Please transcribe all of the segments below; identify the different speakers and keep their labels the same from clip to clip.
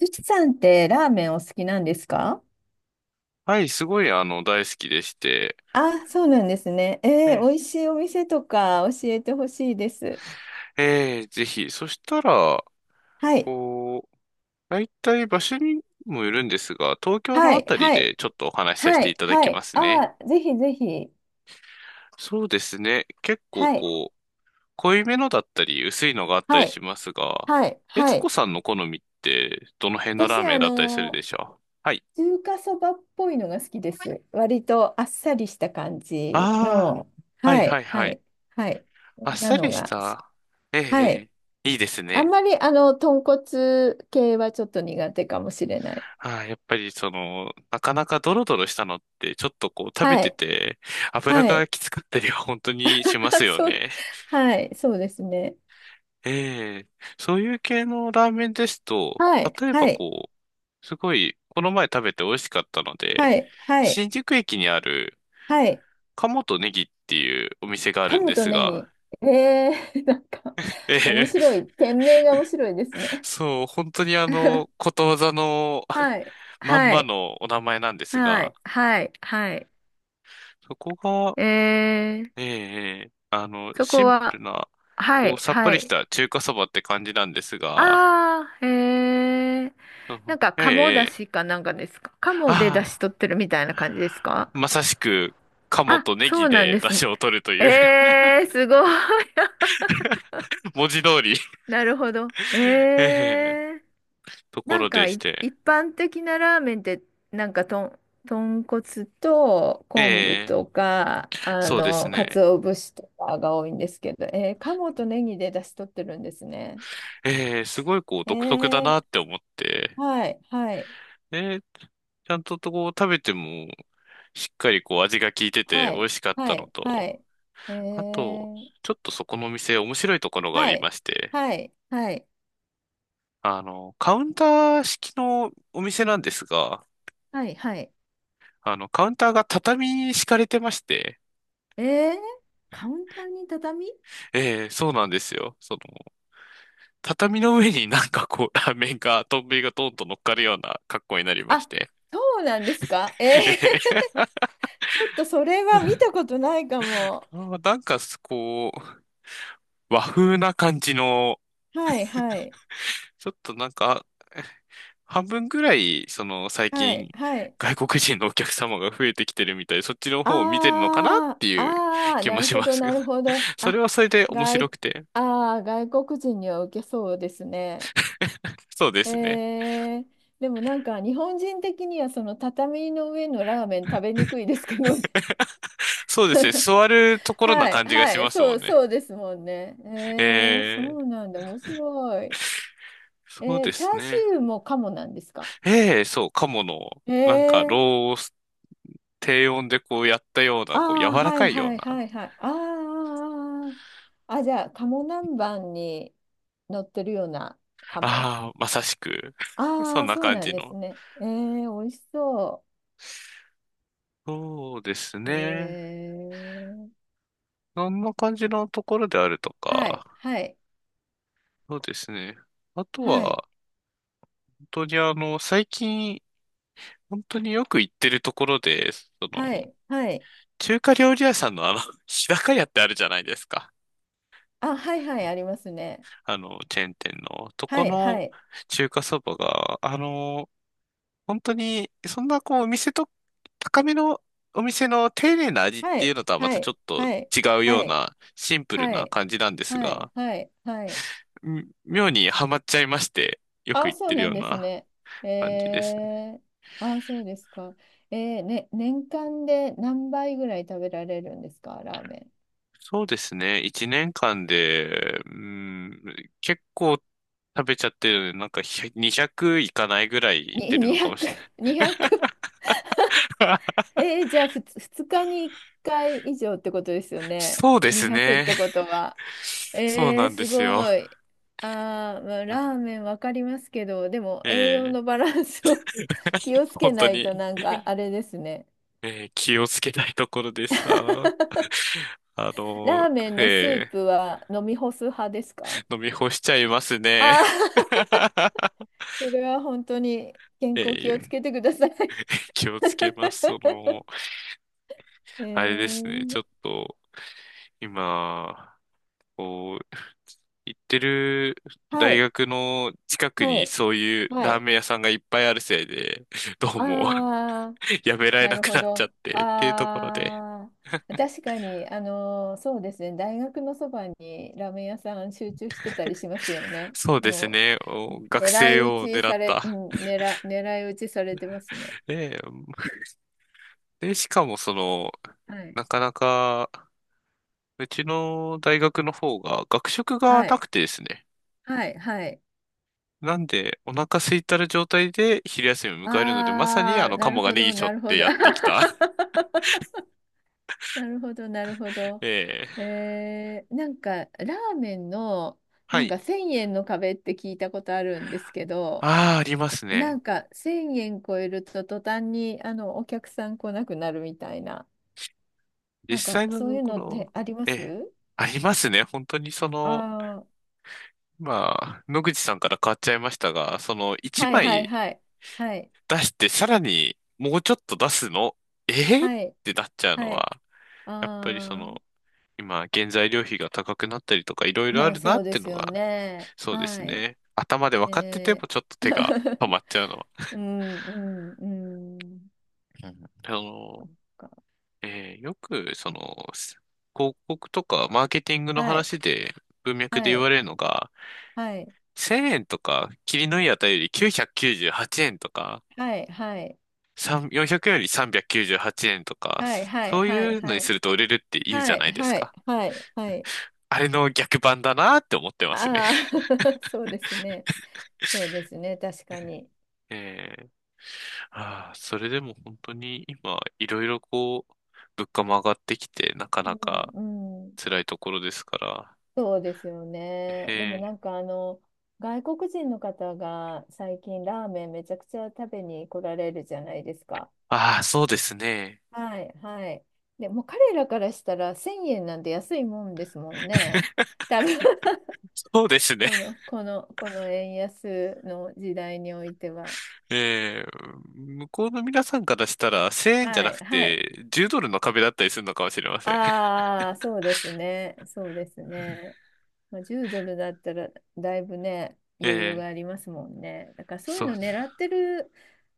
Speaker 1: ゆきさんってラーメンお好きなんですか？
Speaker 2: はい、すごい、大好きでして。
Speaker 1: あ、そうなんですね。
Speaker 2: え
Speaker 1: 美味しいお店とか教えてほしいです。
Speaker 2: え、ええぜひ。そしたら、
Speaker 1: はい、
Speaker 2: こう、大体場所にもよるんですが、東京
Speaker 1: は
Speaker 2: のあ
Speaker 1: い、
Speaker 2: たり
Speaker 1: はい、
Speaker 2: でちょっとお話しさせ
Speaker 1: は
Speaker 2: て
Speaker 1: い、
Speaker 2: いただ
Speaker 1: は
Speaker 2: きま
Speaker 1: い。
Speaker 2: すね。
Speaker 1: あー、ぜひぜひ。
Speaker 2: そうですね。結構
Speaker 1: はい、
Speaker 2: 濃いめのだったり、薄いのがあった
Speaker 1: は
Speaker 2: り
Speaker 1: い、
Speaker 2: しますが、
Speaker 1: はい、
Speaker 2: 悦
Speaker 1: は
Speaker 2: 子
Speaker 1: い。
Speaker 2: さんの好みって、どの辺のラー
Speaker 1: 私、
Speaker 2: メンだったりするでしょう？はい。
Speaker 1: 中華そばっぽいのが好きです。割とあっさりした感じ
Speaker 2: あ
Speaker 1: の、
Speaker 2: あ、はい
Speaker 1: はい、
Speaker 2: はいは
Speaker 1: は
Speaker 2: い。
Speaker 1: い、はい。こ
Speaker 2: あっ
Speaker 1: んな
Speaker 2: さ
Speaker 1: の
Speaker 2: りし
Speaker 1: が好き。
Speaker 2: た。ええ、
Speaker 1: はい。
Speaker 2: ええいいです
Speaker 1: あん
Speaker 2: ね。
Speaker 1: まり、豚骨系はちょっと苦手かもしれない。
Speaker 2: はい、やっぱりなかなかドロドロしたのって、ちょっと食べ
Speaker 1: は
Speaker 2: て
Speaker 1: い。
Speaker 2: て、油
Speaker 1: は
Speaker 2: が
Speaker 1: い。
Speaker 2: きつかったりは本当にします
Speaker 1: あ
Speaker 2: よ
Speaker 1: そう、
Speaker 2: ね。
Speaker 1: はい、そうですね。
Speaker 2: ええ、そういう系のラーメンですと、
Speaker 1: はい、
Speaker 2: 例えば
Speaker 1: はい、
Speaker 2: すごい、この前食べて美味しかったので、
Speaker 1: はい、はい、
Speaker 2: 新宿駅にある、
Speaker 1: はい。
Speaker 2: 鴨とネギっていうお店があるん
Speaker 1: 鴨
Speaker 2: で
Speaker 1: と
Speaker 2: す
Speaker 1: ネ
Speaker 2: が、
Speaker 1: ギ。なんか、面
Speaker 2: ええ、
Speaker 1: 白い。店名が面白いですね。
Speaker 2: そう、本当にことわざの
Speaker 1: はい、
Speaker 2: まん
Speaker 1: は
Speaker 2: ま
Speaker 1: い、
Speaker 2: のお名前なんです
Speaker 1: は
Speaker 2: が、
Speaker 1: い、はい、はい。
Speaker 2: そこが、
Speaker 1: えー、
Speaker 2: ええ、ええ、
Speaker 1: そ
Speaker 2: シ
Speaker 1: こ
Speaker 2: ンプル
Speaker 1: は、
Speaker 2: な、
Speaker 1: はい、
Speaker 2: さっぱ
Speaker 1: は
Speaker 2: りし
Speaker 1: い。
Speaker 2: た中華そばって感じなんですが、
Speaker 1: あー、えー。
Speaker 2: う
Speaker 1: な
Speaker 2: ん、
Speaker 1: んか、
Speaker 2: ええ、
Speaker 1: 鴨だ
Speaker 2: ええ、
Speaker 1: しかなんかですか？鴨でだし
Speaker 2: あ
Speaker 1: 取ってるみたいな感じです
Speaker 2: あ、
Speaker 1: か？
Speaker 2: まさしく、鴨
Speaker 1: あ、
Speaker 2: とネ
Speaker 1: そ
Speaker 2: ギ
Speaker 1: うなん
Speaker 2: で
Speaker 1: で
Speaker 2: 出
Speaker 1: すね。
Speaker 2: 汁を取るという
Speaker 1: すごい。
Speaker 2: 文字通り
Speaker 1: なるほど。え
Speaker 2: ええ、
Speaker 1: え
Speaker 2: と
Speaker 1: ー。
Speaker 2: こ
Speaker 1: なん
Speaker 2: ろで
Speaker 1: か
Speaker 2: し
Speaker 1: い
Speaker 2: て。
Speaker 1: 一般的なラーメンって、なんか豚骨と
Speaker 2: え
Speaker 1: 昆布
Speaker 2: え、
Speaker 1: とか
Speaker 2: そうですね。
Speaker 1: 鰹節とかが多いんですけど、鴨とネギで出汁取ってるんですね。
Speaker 2: ええ、すごい
Speaker 1: え
Speaker 2: 独特だな
Speaker 1: ー、
Speaker 2: って思って、
Speaker 1: はいはい
Speaker 2: ええ、ちゃんと食べても、しっかり味が効いてて
Speaker 1: は
Speaker 2: 美
Speaker 1: い
Speaker 2: 味しかった
Speaker 1: は
Speaker 2: の
Speaker 1: いは
Speaker 2: と、
Speaker 1: い。え
Speaker 2: あと、
Speaker 1: ー、
Speaker 2: ちょっとそこのお店面白いところがあ
Speaker 1: は
Speaker 2: り
Speaker 1: い
Speaker 2: まして、
Speaker 1: はいはい
Speaker 2: カウンター式のお店なんですが、
Speaker 1: はいはい。
Speaker 2: カウンターが畳に敷かれてまして、
Speaker 1: えー、カウンターに畳。
Speaker 2: ええ、そうなんですよ。その、畳の上になんかラーメンが、丼がトンと乗っかるような格好になりまし
Speaker 1: あ、
Speaker 2: て、
Speaker 1: そうなんですか？え
Speaker 2: え
Speaker 1: ー。
Speaker 2: え、
Speaker 1: ちょっとそれは見たことないかも。
Speaker 2: あ、なんかすこう、和風な感じの、
Speaker 1: はいはい
Speaker 2: ちょっとなんか、半分ぐらい、最
Speaker 1: はい
Speaker 2: 近、
Speaker 1: はい。
Speaker 2: 外国人のお客様が増えてきてるみたいで、そっちの方を見てるのかなっ
Speaker 1: あー
Speaker 2: ていう
Speaker 1: あー、
Speaker 2: 気
Speaker 1: な
Speaker 2: も
Speaker 1: る
Speaker 2: し
Speaker 1: ほ
Speaker 2: ま
Speaker 1: ど
Speaker 2: すが、
Speaker 1: なるほど。
Speaker 2: それ
Speaker 1: あ、
Speaker 2: はそれで面白
Speaker 1: 外、
Speaker 2: くて。
Speaker 1: あー外国人には受けそうですね。
Speaker 2: そうで
Speaker 1: え
Speaker 2: すね。
Speaker 1: ー、でもなんか日本人的にはその畳の上のラーメン食べにくいですけどね。
Speaker 2: そうですね。座ると ころな
Speaker 1: はい
Speaker 2: 感じが
Speaker 1: は
Speaker 2: し
Speaker 1: い
Speaker 2: ます
Speaker 1: そ
Speaker 2: も
Speaker 1: う
Speaker 2: んね。
Speaker 1: そうですもんね。
Speaker 2: え
Speaker 1: そ
Speaker 2: え、
Speaker 1: うなんだ。面白い。
Speaker 2: そうで
Speaker 1: チャ
Speaker 2: す
Speaker 1: ーシ
Speaker 2: ね。
Speaker 1: ューもカモなんですか？
Speaker 2: ええ、そう、鴨の、
Speaker 1: え
Speaker 2: なんか、
Speaker 1: ー
Speaker 2: ロース、低温でこうやったよう
Speaker 1: あ
Speaker 2: な、柔
Speaker 1: あ、
Speaker 2: ら
Speaker 1: はい
Speaker 2: かいよ
Speaker 1: は
Speaker 2: う
Speaker 1: い
Speaker 2: な。
Speaker 1: はいはい。ああ、ああ、あ、じゃあ、鴨南蛮に乗ってるような鴨。
Speaker 2: ああ、まさしく、そ
Speaker 1: あ
Speaker 2: ん
Speaker 1: あ、
Speaker 2: な
Speaker 1: そう
Speaker 2: 感
Speaker 1: なん
Speaker 2: じ
Speaker 1: です
Speaker 2: の。
Speaker 1: ね。美味しそ
Speaker 2: そうです
Speaker 1: う。
Speaker 2: ね。
Speaker 1: ー、
Speaker 2: そんな感じのところであると
Speaker 1: は
Speaker 2: か。
Speaker 1: い、はい、
Speaker 2: そうですね。あと
Speaker 1: はい、
Speaker 2: は、本当に最近、本当によく行ってるところで、
Speaker 1: はい、はい。
Speaker 2: 中華料理屋さんの日高屋ってあるじゃないですか。
Speaker 1: あ、はいはい、ありますね。
Speaker 2: チェーン店の、と
Speaker 1: は
Speaker 2: こ
Speaker 1: い、は
Speaker 2: の
Speaker 1: い、
Speaker 2: 中華そばが、本当に、そんなお店と、高めのお店の丁寧な味っ
Speaker 1: は
Speaker 2: ていう
Speaker 1: い、
Speaker 2: のとはま
Speaker 1: は
Speaker 2: たちょっ
Speaker 1: い、
Speaker 2: と
Speaker 1: はい、
Speaker 2: 違うよ
Speaker 1: は
Speaker 2: う
Speaker 1: い、
Speaker 2: な、シンプル
Speaker 1: は
Speaker 2: な
Speaker 1: い、
Speaker 2: 感じなんです
Speaker 1: はい、
Speaker 2: が、
Speaker 1: はい、はい。
Speaker 2: 妙にハマっちゃいまして、よく
Speaker 1: あ、
Speaker 2: 行っ
Speaker 1: そう
Speaker 2: てる
Speaker 1: な
Speaker 2: よ
Speaker 1: ん
Speaker 2: う
Speaker 1: です
Speaker 2: な
Speaker 1: ね。
Speaker 2: 感じですね。
Speaker 1: えー、あ、そうですか。ね、年間で何杯ぐらい食べられるんですか、ラーメ
Speaker 2: そうですね、一年間で、うん、結構食べちゃってるので、なんか100 200いかないぐらい
Speaker 1: ン？
Speaker 2: 行って
Speaker 1: に、
Speaker 2: るのかも
Speaker 1: 200、
Speaker 2: しれない。
Speaker 1: 2 0。じゃあ、2日に1回以上ってことですよね。
Speaker 2: そうです
Speaker 1: 200っ
Speaker 2: ね。
Speaker 1: てことは。
Speaker 2: そうなんで
Speaker 1: す
Speaker 2: すよ。
Speaker 1: ごい。あー、まあ、ラー メンわかりますけど、でも栄養
Speaker 2: え
Speaker 1: の
Speaker 2: え、
Speaker 1: バランスを 気をつけ
Speaker 2: 本当
Speaker 1: ない
Speaker 2: に、
Speaker 1: となんかあれですね。
Speaker 2: ええ、気をつけたいところでさ、あ
Speaker 1: ラーメンのスー
Speaker 2: の、ええ、
Speaker 1: プは飲み干す派ですか？
Speaker 2: 飲み干しちゃいますね。
Speaker 1: ああ、それは本当に健康
Speaker 2: え
Speaker 1: 気をつ
Speaker 2: え、
Speaker 1: けてください。
Speaker 2: 気をつけます。
Speaker 1: え
Speaker 2: あれですね、ちょ
Speaker 1: ー、
Speaker 2: っと、今、こう、行ってる
Speaker 1: は
Speaker 2: 大
Speaker 1: い、
Speaker 2: 学の近く
Speaker 1: は
Speaker 2: に
Speaker 1: い、
Speaker 2: そういう
Speaker 1: は
Speaker 2: ラー
Speaker 1: い。
Speaker 2: メン屋さんがいっぱいあるせいで、どうも
Speaker 1: ああ、
Speaker 2: やめられ
Speaker 1: な
Speaker 2: な
Speaker 1: る
Speaker 2: く
Speaker 1: ほ
Speaker 2: なっちゃ
Speaker 1: ど。
Speaker 2: ってっていうところで、
Speaker 1: ああ、確かに、そうですね、大学のそばにラーメン屋さん集中してたりしますよね。
Speaker 2: そうです
Speaker 1: も
Speaker 2: ね、
Speaker 1: う、
Speaker 2: お学
Speaker 1: 狙い
Speaker 2: 生
Speaker 1: 撃
Speaker 2: を
Speaker 1: ち
Speaker 2: 狙っ
Speaker 1: され、う
Speaker 2: た。
Speaker 1: ん、狙い撃ちされてますね。
Speaker 2: ねえ、で、しかも
Speaker 1: はい、
Speaker 2: なかなか、うちの大学の方が学食が
Speaker 1: は
Speaker 2: な
Speaker 1: い、
Speaker 2: くてですね。
Speaker 1: はい、はい。
Speaker 2: なんで、お腹空いたる状態で昼休みを迎えるので、まさに
Speaker 1: ああ、
Speaker 2: カ
Speaker 1: なる
Speaker 2: モが
Speaker 1: ほ
Speaker 2: ネギ
Speaker 1: ど、
Speaker 2: 背負っ
Speaker 1: なる
Speaker 2: て
Speaker 1: ほど。
Speaker 2: やってきた。
Speaker 1: なるほど、なるほど。
Speaker 2: ええ、
Speaker 1: なんか、ラーメンの、
Speaker 2: は
Speaker 1: なん
Speaker 2: い。
Speaker 1: か1000円の壁って聞いたことあるんですけど、
Speaker 2: ああ、あります
Speaker 1: な
Speaker 2: ね。
Speaker 1: んか1000円超えると途端にお客さん来なくなるみたいな、
Speaker 2: 実
Speaker 1: なんか
Speaker 2: 際の
Speaker 1: そう
Speaker 2: と
Speaker 1: いう
Speaker 2: こ
Speaker 1: のっ
Speaker 2: ろ、
Speaker 1: てありま
Speaker 2: ええ、
Speaker 1: す？
Speaker 2: ありますね。本当に
Speaker 1: ああー、
Speaker 2: まあ、野口さんから変わっちゃいましたが、一
Speaker 1: はいはい
Speaker 2: 枚
Speaker 1: はい。はい。
Speaker 2: 出して、さらにもうちょっと出すの、ええっ
Speaker 1: はい。
Speaker 2: てなっちゃうの
Speaker 1: はい。
Speaker 2: は、やっぱり
Speaker 1: あ
Speaker 2: 今、原材料費が高くなったりとか、いろい
Speaker 1: あ、
Speaker 2: ろ
Speaker 1: ま
Speaker 2: あ
Speaker 1: あ
Speaker 2: るな
Speaker 1: そう
Speaker 2: っ
Speaker 1: で
Speaker 2: て
Speaker 1: す
Speaker 2: の
Speaker 1: よ
Speaker 2: が、
Speaker 1: ね。
Speaker 2: そうです
Speaker 1: はい。
Speaker 2: ね。頭で分かってて
Speaker 1: えー
Speaker 2: も、ちょっと手が止 まっちゃうのは。
Speaker 1: うんうんうん。
Speaker 2: うん、よく、広告とかマーケティングの
Speaker 1: はい、
Speaker 2: 話で、文脈で
Speaker 1: は
Speaker 2: 言わ
Speaker 1: い、
Speaker 2: れるのが、
Speaker 1: はい、
Speaker 2: 1000円とか、切りのいい値より998円とか、
Speaker 1: はい、はい、
Speaker 2: 3 400円より398円とか、
Speaker 1: はい、
Speaker 2: そ
Speaker 1: は
Speaker 2: そ
Speaker 1: い、
Speaker 2: う
Speaker 1: は
Speaker 2: い
Speaker 1: い、
Speaker 2: うの
Speaker 1: は
Speaker 2: にす
Speaker 1: い、
Speaker 2: ると売れるって言うじ
Speaker 1: は
Speaker 2: ゃ
Speaker 1: い、
Speaker 2: ないです
Speaker 1: はい、
Speaker 2: か。
Speaker 1: はい、はい。
Speaker 2: あれの逆版だなって思ってますね。
Speaker 1: ああ ー、そうですね。そうですね、確かに。
Speaker 2: えーああ、それでも本当に今、いろいろ物価も上がってきて、なか
Speaker 1: う
Speaker 2: なか
Speaker 1: ん、うん、
Speaker 2: 辛いところですから。
Speaker 1: そうですよ
Speaker 2: へ
Speaker 1: ね。でもな
Speaker 2: え。
Speaker 1: んか外国人の方が最近ラーメンめちゃくちゃ食べに来られるじゃないですか。
Speaker 2: ああ、そうですね。
Speaker 1: はい、はい。でもう彼らからしたら1000円なんて安いもんですもんね。多分
Speaker 2: そうですね。
Speaker 1: この円安の時代においては。
Speaker 2: ええ、向こうの皆さんからしたら、1000円じゃ
Speaker 1: は
Speaker 2: な
Speaker 1: い、
Speaker 2: く
Speaker 1: はい。
Speaker 2: て、10ドルの壁だったりするのかもしれません。
Speaker 1: ああ、そうですね。そうですね。まあ、10ドルだったらだいぶね、
Speaker 2: え
Speaker 1: 余裕
Speaker 2: え、
Speaker 1: がありますもんね。だからそうい
Speaker 2: そ
Speaker 1: う
Speaker 2: う。
Speaker 1: の狙ってる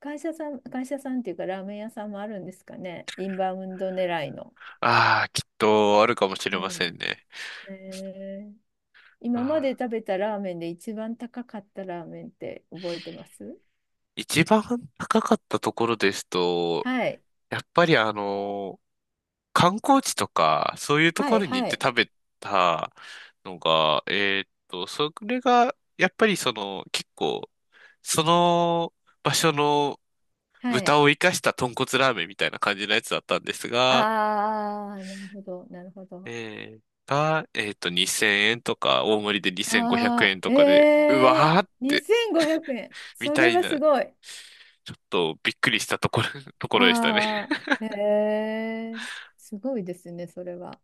Speaker 1: 会社さん、会社さんっていうかラーメン屋さんもあるんですかね。インバウンド狙いの。
Speaker 2: ああ、きっとあるかもし
Speaker 1: う
Speaker 2: れませ
Speaker 1: ん。
Speaker 2: んね。
Speaker 1: えー
Speaker 2: あ
Speaker 1: 今まで
Speaker 2: あ、
Speaker 1: 食べたラーメンで一番高かったラーメンって覚えてます？
Speaker 2: 一番高かったところですと、
Speaker 1: はい。
Speaker 2: やっぱりあの観光地とか、そういうと
Speaker 1: は
Speaker 2: こ
Speaker 1: い、
Speaker 2: ろに行っ
Speaker 1: は
Speaker 2: て
Speaker 1: い。
Speaker 2: 食べたのが、それが、やっぱり結構、その場所の
Speaker 1: はい。
Speaker 2: 豚を生かした豚骨ラーメンみたいな感じのやつだったんですが、
Speaker 1: ああ、なるほど、なるほど。
Speaker 2: 2000円とか、大盛りで2500
Speaker 1: あ
Speaker 2: 円と
Speaker 1: あ、え
Speaker 2: かで、うわ
Speaker 1: え
Speaker 2: ーって、
Speaker 1: 2500円。
Speaker 2: み
Speaker 1: そ
Speaker 2: た
Speaker 1: れ
Speaker 2: い
Speaker 1: は
Speaker 2: な、
Speaker 1: すごい。
Speaker 2: ちょっとびっくりしたところ、ところでしたね。
Speaker 1: ああ、へえ、すごいですね、それは。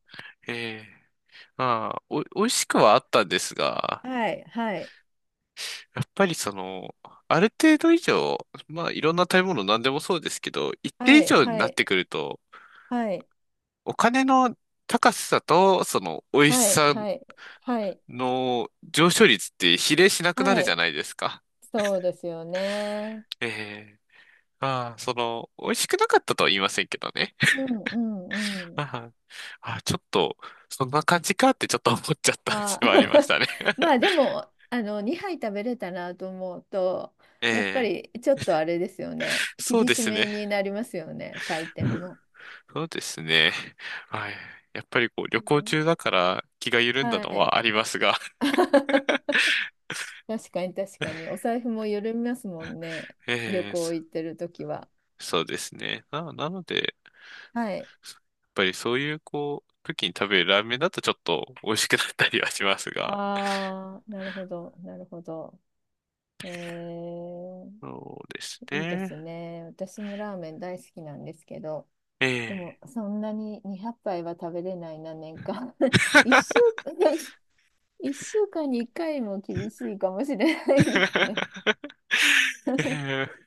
Speaker 2: えーまあ、美味しくはあったんですが、
Speaker 1: はい、はい、
Speaker 2: やっぱりある程度以上、まあいろんな食べ物何でもそうですけど、一定
Speaker 1: は
Speaker 2: 以
Speaker 1: い、
Speaker 2: 上に
Speaker 1: は
Speaker 2: なっ
Speaker 1: い、
Speaker 2: てくると、
Speaker 1: はい、
Speaker 2: お金の高さとその美味し
Speaker 1: はい、
Speaker 2: さ
Speaker 1: はい、はい、
Speaker 2: の上昇率って比例しなくな
Speaker 1: は
Speaker 2: るじゃ
Speaker 1: い。
Speaker 2: ないですか。
Speaker 1: そうですよね。
Speaker 2: ええ、まあ、美味しくなかったとは言いませんけどね。
Speaker 1: うん、うん、
Speaker 2: ああ、ちょっと、そんな感じかってちょっと思っちゃった
Speaker 1: あ
Speaker 2: 節はありまし
Speaker 1: ー
Speaker 2: たね。
Speaker 1: まあでもあの2杯食べれたなと思うとやっぱ
Speaker 2: ええ、
Speaker 1: りちょっとあれですよね
Speaker 2: そう
Speaker 1: 厳
Speaker 2: で
Speaker 1: し
Speaker 2: すね。
Speaker 1: めになりますよね採点も。
Speaker 2: そうですね。はい。やっぱりこう旅
Speaker 1: う
Speaker 2: 行
Speaker 1: ん、
Speaker 2: 中だから気が緩んだ
Speaker 1: は
Speaker 2: の
Speaker 1: い
Speaker 2: はありますが、
Speaker 1: 確かに確かに お財布も緩みますもんね旅
Speaker 2: ええ、
Speaker 1: 行
Speaker 2: そ
Speaker 1: 行ってる時は。
Speaker 2: そうですね。なので、や
Speaker 1: はい。
Speaker 2: っぱりそういう時に食べるラーメンだとちょっと美味しくなったりはしますが、
Speaker 1: ああ、なるほどなるほど。えー、
Speaker 2: そうです
Speaker 1: いいで
Speaker 2: ね。
Speaker 1: すね。私もラーメン大好きなんですけど。
Speaker 2: え
Speaker 1: でも、
Speaker 2: え
Speaker 1: そんなに200杯は食べれないな、年間。一週、一週間に1回も厳しいかもしれないですね。
Speaker 2: ええ、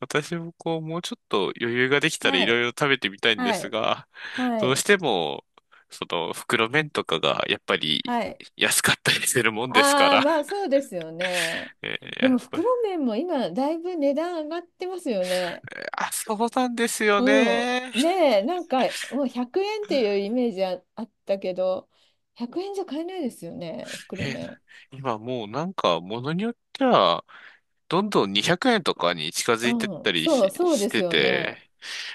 Speaker 2: 私ももうちょっと余裕ができたらい
Speaker 1: は
Speaker 2: ろい
Speaker 1: い、
Speaker 2: ろ食べてみたいんで
Speaker 1: は
Speaker 2: す
Speaker 1: い、
Speaker 2: が、
Speaker 1: は
Speaker 2: どうし
Speaker 1: い、
Speaker 2: ても、その袋麺とかがやっぱり
Speaker 1: はい。
Speaker 2: 安かったりするもんですか
Speaker 1: ああ、
Speaker 2: ら、
Speaker 1: まあそうですよね。で
Speaker 2: や
Speaker 1: も、
Speaker 2: っぱり、
Speaker 1: 袋麺も今、だいぶ値段上がってますよね。
Speaker 2: あ、そうなんですよ
Speaker 1: う
Speaker 2: ね。
Speaker 1: ん。ねえ、なんか、もう100円っていうイメージあったけど、100円じゃ買えないですよね、袋
Speaker 2: えー
Speaker 1: 麺。
Speaker 2: 今もうなんか、ものによっては、どんどん200円とかに近づ
Speaker 1: う
Speaker 2: いてっ
Speaker 1: ん、
Speaker 2: たり
Speaker 1: そう、そう
Speaker 2: し
Speaker 1: です
Speaker 2: て
Speaker 1: よね。
Speaker 2: て、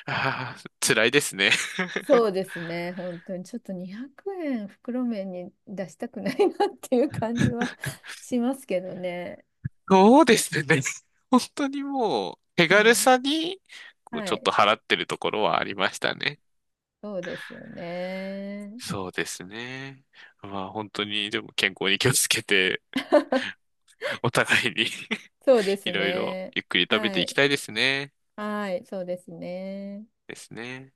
Speaker 2: あー、辛いですね。
Speaker 1: そうですね、本当にちょっと200円袋麺に出したくないなっていう感じは しますけどね。
Speaker 2: そうですね。本当にもう、手
Speaker 1: う
Speaker 2: 軽
Speaker 1: ん、
Speaker 2: さに、
Speaker 1: は
Speaker 2: ちょっと
Speaker 1: い、
Speaker 2: 払ってるところはありましたね。
Speaker 1: そうですよね。
Speaker 2: そうですね。まあ本当に、でも健康に気をつけて、お互いに
Speaker 1: そうで
Speaker 2: い
Speaker 1: す
Speaker 2: ろいろ
Speaker 1: ね。
Speaker 2: ゆっくり食べて
Speaker 1: は
Speaker 2: いき
Speaker 1: い、
Speaker 2: たいですね。
Speaker 1: はい、そうですね。
Speaker 2: ですね。